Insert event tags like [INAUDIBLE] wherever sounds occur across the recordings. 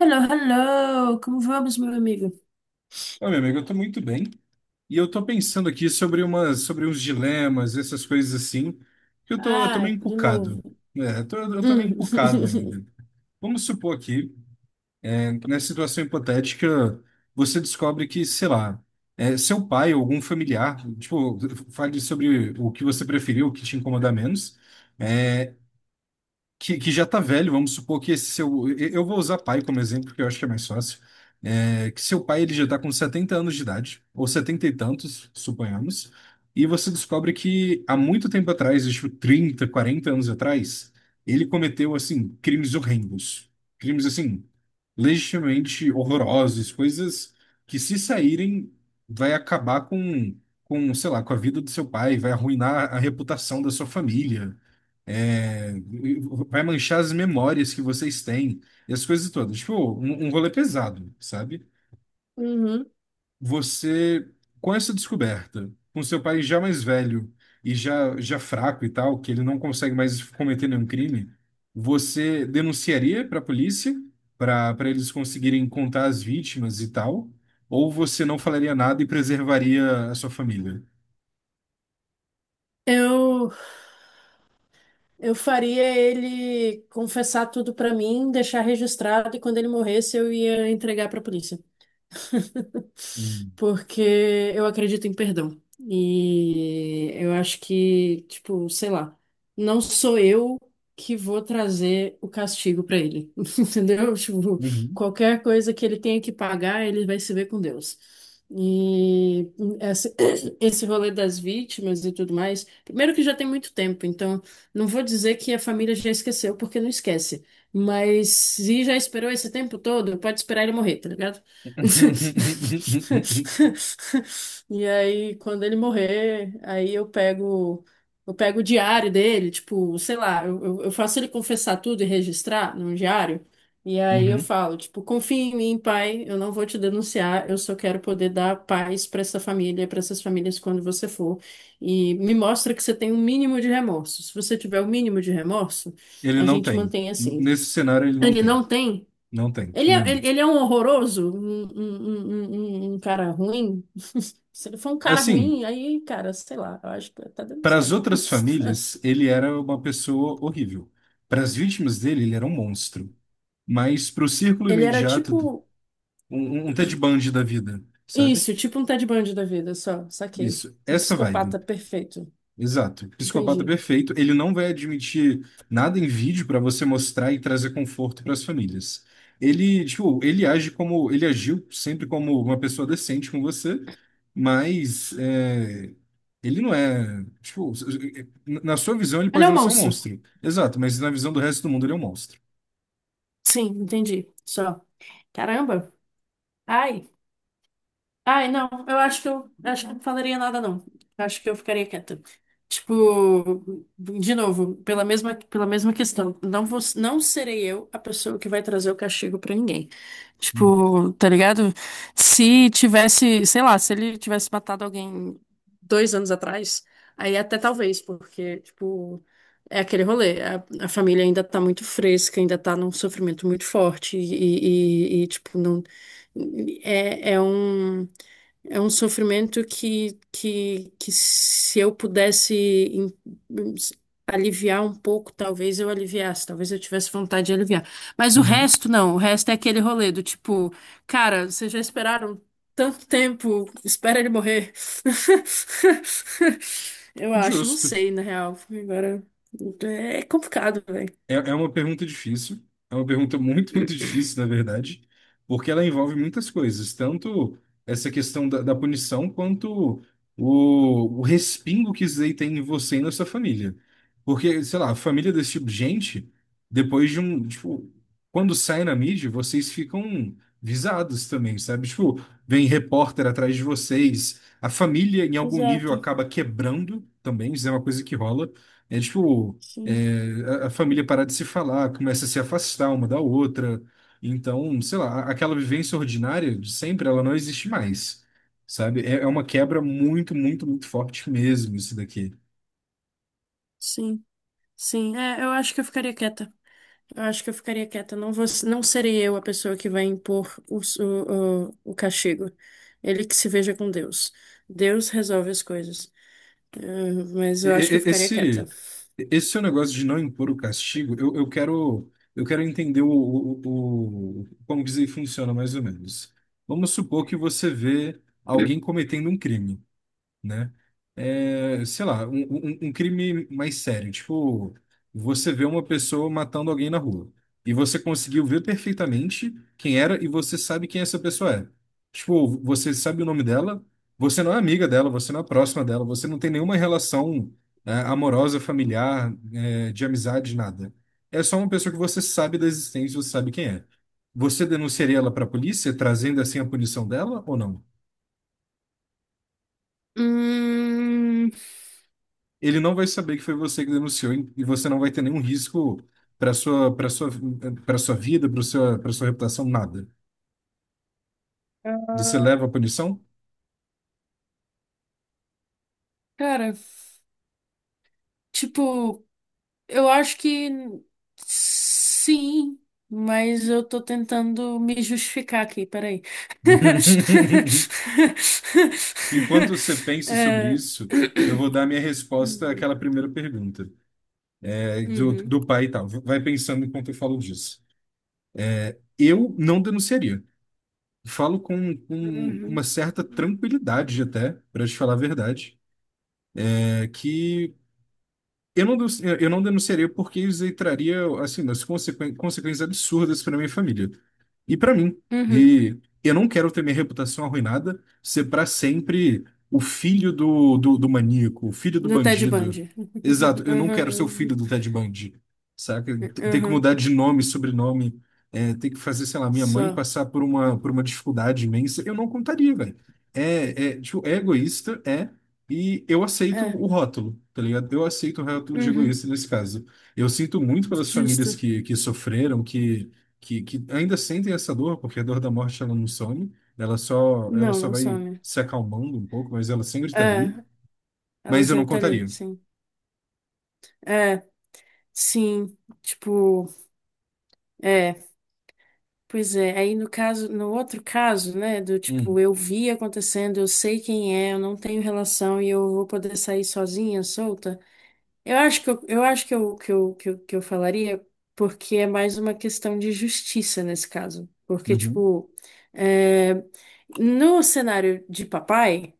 Hello, hello! Como vamos, meu amigo? Ô, meu amigo, eu tô muito bem. E eu tô pensando aqui sobre sobre uns dilemas, essas coisas assim, que eu tô Ah, meio de novo. encucado. É, eu tô Hum. meio encucado [LAUGHS] ainda. Vamos supor aqui, né, nessa situação hipotética, você descobre que, sei lá, seu pai ou algum familiar, tipo, fale sobre o que você preferiu, o que te incomoda menos, é, que já tá velho, vamos supor que esse seu. Eu vou usar pai como exemplo, porque eu acho que é mais fácil. É, que seu pai ele já tá com 70 anos de idade, ou 70 e tantos, suponhamos, e você descobre que há muito tempo atrás, tipo 30, 40 anos atrás, ele cometeu, assim, crimes horrendos. Crimes, assim, legitimamente horrorosos, coisas que, se saírem, vai acabar com, sei lá, com a vida do seu pai, vai arruinar a reputação da sua família. É, Vai manchar as memórias que vocês têm e as coisas todas. Tipo, um rolê pesado, sabe? Uhum. Você, com essa descoberta, com seu pai já mais velho e já, já fraco e tal, que ele não consegue mais cometer nenhum crime, você denunciaria para a polícia, para eles conseguirem contar as vítimas e tal, ou você não falaria nada e preservaria a sua família? Eu, eu faria ele confessar tudo pra mim, deixar registrado e quando ele morresse eu ia entregar pra polícia, Hum. porque eu acredito em perdão. E eu acho que, tipo, sei lá, não sou eu que vou trazer o castigo pra ele, [LAUGHS] entendeu? Tipo, Uhum. qualquer coisa que ele tenha que pagar, ele vai se ver com Deus. E esse, [CLEARS THROAT] esse rolê das vítimas e tudo mais, primeiro que já tem muito tempo, então não vou dizer que a família já esqueceu, porque não esquece. Mas se já esperou esse tempo todo, pode esperar ele morrer, tá ligado? [LAUGHS] [LAUGHS] E aí, quando ele morrer, aí eu pego o diário dele, tipo, sei lá, eu faço ele confessar tudo e registrar num diário. E aí eu Uhum. falo, tipo, confia em mim, pai, eu não vou te denunciar, eu só quero poder dar paz para essa família, para essas famílias quando você for. E me mostra que você tem um mínimo de remorso. Se você tiver o mínimo de remorso, Ele a não gente tem. mantém assim. Nesse cenário, ele não Ele tem. não tem? Não tem Ele é, nenhum. ele é um horroroso, um cara ruim. Se ele for um cara Assim, ruim, aí, cara, sei lá, eu acho que eu até para as denunciaria. outras [LAUGHS] famílias, ele era uma pessoa horrível. Para as vítimas dele, ele era um monstro. Mas para o círculo Ele era imediato, tipo um, um Ted Bundy da vida, sabe? isso, tipo um Ted Bundy da vida, só, saquei. Isso, Um essa psicopata vibe. perfeito. Exato. Psicopata é Entendi. perfeito. Ele não vai admitir nada em vídeo para você mostrar e trazer conforto para as famílias. Ele, tipo, ele agiu sempre como uma pessoa decente com você, mas é, ele não é, tipo, na sua visão ele Ele pode é um não ser um monstro. monstro. Exato, mas na visão do resto do mundo ele é um monstro. Sim, entendi. Só. Caramba. Ai. Ai, não, eu acho que eu não falaria nada, não. Eu acho que eu ficaria quieta. Tipo, de novo, pela mesma questão. Não vou, não serei eu a pessoa que vai trazer o castigo pra ninguém. Uhum. Tipo, tá ligado? Se tivesse, sei lá, se ele tivesse matado alguém 2 anos atrás, aí até talvez, porque, tipo, é aquele rolê. A família ainda tá muito fresca, ainda tá num sofrimento muito forte, e tipo, não. É um. É um sofrimento que se eu pudesse em- aliviar um pouco, talvez eu aliviasse, talvez eu tivesse vontade de aliviar. Mas o Uhum. resto não, o resto é aquele rolê do tipo, cara, vocês já esperaram tanto tempo, espera ele morrer. [LAUGHS] Eu acho, não Justo. sei, na real. Agora é complicado, velho. É uma pergunta difícil. É uma pergunta muito, muito difícil, na verdade, porque ela envolve muitas coisas, tanto essa questão da punição, quanto o respingo que isso daí tem em você e na sua família. Porque, sei lá, a família desse tipo de gente, depois de um, tipo, quando sai na mídia, vocês ficam visados também, sabe? Tipo, vem repórter atrás de vocês, a família, em algum nível, Exato. acaba quebrando também, isso é uma coisa que rola. É tipo. Sim, É, a família parar de se falar, começa a se afastar uma da outra. Então, sei lá, aquela vivência ordinária de sempre, ela não existe mais, sabe? É, é uma quebra muito, muito, muito forte mesmo, isso daqui. sim, sim. É, eu acho que eu ficaria quieta. Eu acho que eu ficaria quieta. Não vou, não serei eu a pessoa que vai impor o castigo. Ele que se veja com Deus. Deus resolve as coisas. Mas E- eu acho e- que eu e- ficaria quieta. Esse, esse seu negócio de não impor o castigo, eu quero entender como dizer, funciona mais ou menos. Vamos supor que você vê alguém cometendo um crime. Né? É, sei lá, um crime mais sério. Tipo, você vê uma pessoa matando alguém na rua e você conseguiu ver perfeitamente quem era e você sabe quem essa pessoa é. Tipo, você sabe o nome dela, você não é amiga dela, você não é próxima dela, você não tem nenhuma relação, é, amorosa, familiar, é, de amizade, nada. É só uma pessoa que você sabe da existência, você sabe quem é. Você denunciaria ela para a polícia, trazendo assim a punição dela ou não? Hum, Ele não vai saber que foi você que denunciou e você não vai ter nenhum risco para sua para sua para sua vida, para sua reputação, nada. Você leva a punição? cara, tipo, eu acho que sim, mas eu tô tentando me justificar aqui, peraí. [LAUGHS] [LAUGHS] Enquanto você pensa sobre Eh, isso, eu vou [CLEARS THROAT] dar minha resposta àquela primeira pergunta, é, do, Uhum. do pai e tal. Vai pensando enquanto eu falo disso. Eu não denunciaria. Falo com Uhum. uma certa tranquilidade até, para te falar a verdade, é que Eu não denunciaria porque isso aí traria, assim, umas consequências absurdas para minha família. E para mim. Uhum. E eu não quero ter minha reputação arruinada, ser para sempre o filho do maníaco, o filho do Do Ted bandido. Bundy. [LAUGHS] Exato, eu não quero ser o filho Uhum. do Ted Bundy, saca? Ter que Uhum. mudar de nome, sobrenome, é, ter que fazer, sei lá, minha mãe Só. passar por uma dificuldade imensa. Eu não contaria, velho. É, é, tipo, é egoísta, e eu aceito É. o rótulo, tá ligado? Eu aceito o rótulo de Uhum. egoísta nesse caso. Eu sinto muito pelas famílias Justo. que sofreram, que ainda sentem essa dor, porque a dor da morte ela não some, ela só, ela Não, só não vai some. se acalmando um pouco, mas ela sempre está É. ali. Ela Mas eu não sempre tá ali, contaria. sim. É. Sim. Tipo, é. Pois é. Aí no caso, no outro caso, né, do tipo, Hum, eu vi acontecendo, eu sei quem é, eu não tenho relação e eu vou poder sair sozinha, solta. Eu acho que eu falaria porque é mais uma questão de justiça nesse caso. Porque, uhum. tipo, é, no cenário de papai,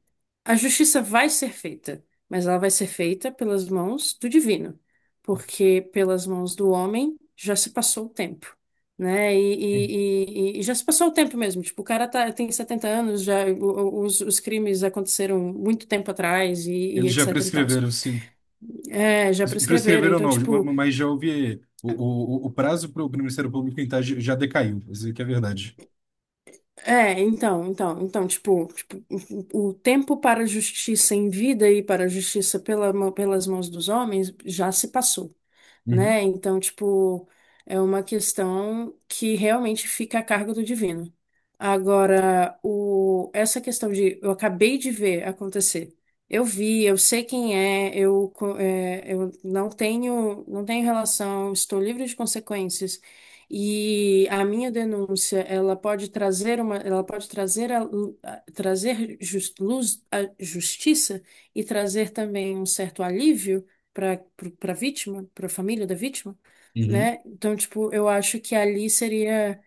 a justiça vai ser feita, mas ela vai ser feita pelas mãos do divino, porque pelas mãos do homem já se passou o tempo. Né? E já se passou o tempo mesmo. Tipo, o cara tá, tem 70 anos, já os crimes aconteceram muito tempo atrás e Eles já etc e tal. prescreveram, sim. É, já prescreveram. Prescreveram Então, não, ma- tipo, ma- mas já houve. O prazo para o Ministério Público tentar já decaiu, isso que é verdade. o tempo para a justiça em vida e para a justiça pela pelas mãos dos homens já se passou. Uhum, Né? Então, tipo, é uma questão que realmente fica a cargo do divino. Agora, essa questão de eu acabei de ver acontecer. Eu vi, eu sei quem é, eu não tenho relação, estou livre de consequências. E a minha denúncia, ela pode trazer uma, ela pode trazer a, luz, a justiça e trazer também um certo alívio para para vítima, para a família da vítima, uhum, né? Então, tipo, eu acho que ali seria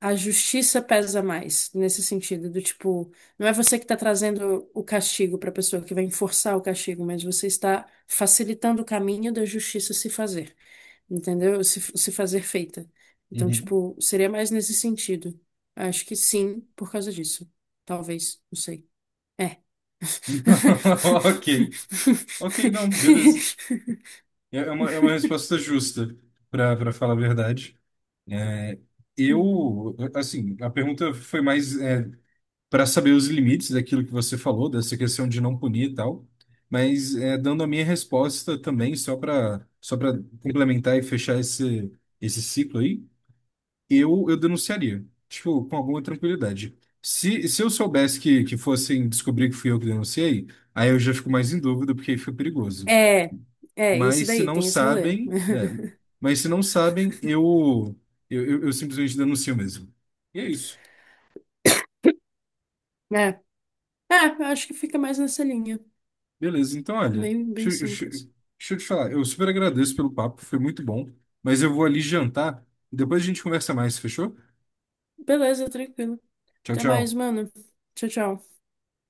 a justiça pesa mais nesse sentido do tipo, não é você que está trazendo o castigo para a pessoa que vai enforçar o castigo, mas você está facilitando o caminho da justiça se fazer, entendeu? Se fazer feita. Então, uhum. tipo, seria mais nesse sentido. Acho que sim, por causa disso. Talvez, não sei. É. [LAUGHS] Ok. Ok, não, beleza. [LAUGHS] É uma resposta justa, para falar a verdade. É, Uhum. eu, assim, a pergunta foi mais para saber os limites daquilo que você falou, dessa questão de não punir e tal, mas é, dando a minha resposta também, só para complementar e fechar esse, esse ciclo aí, eu denunciaria, tipo, com alguma tranquilidade. Se eu soubesse que fossem descobrir que fui eu que denunciei, aí eu já fico mais em dúvida, porque aí fica perigoso. É, é, isso Mas se daí, não tem esse rolê. sabem, é, [LAUGHS] mas se não sabem, eu simplesmente denuncio mesmo. E é isso. É, é, eu acho que fica mais nessa linha. Beleza, então olha, Bem, deixa, bem eu deixa eu- simples. deixa eu te falar, eu super agradeço pelo papo, foi muito bom, mas eu vou ali jantar, depois a gente conversa mais, fechou? Beleza, tranquilo. Tchau, Até mais, tchau. mano. Tchau, tchau.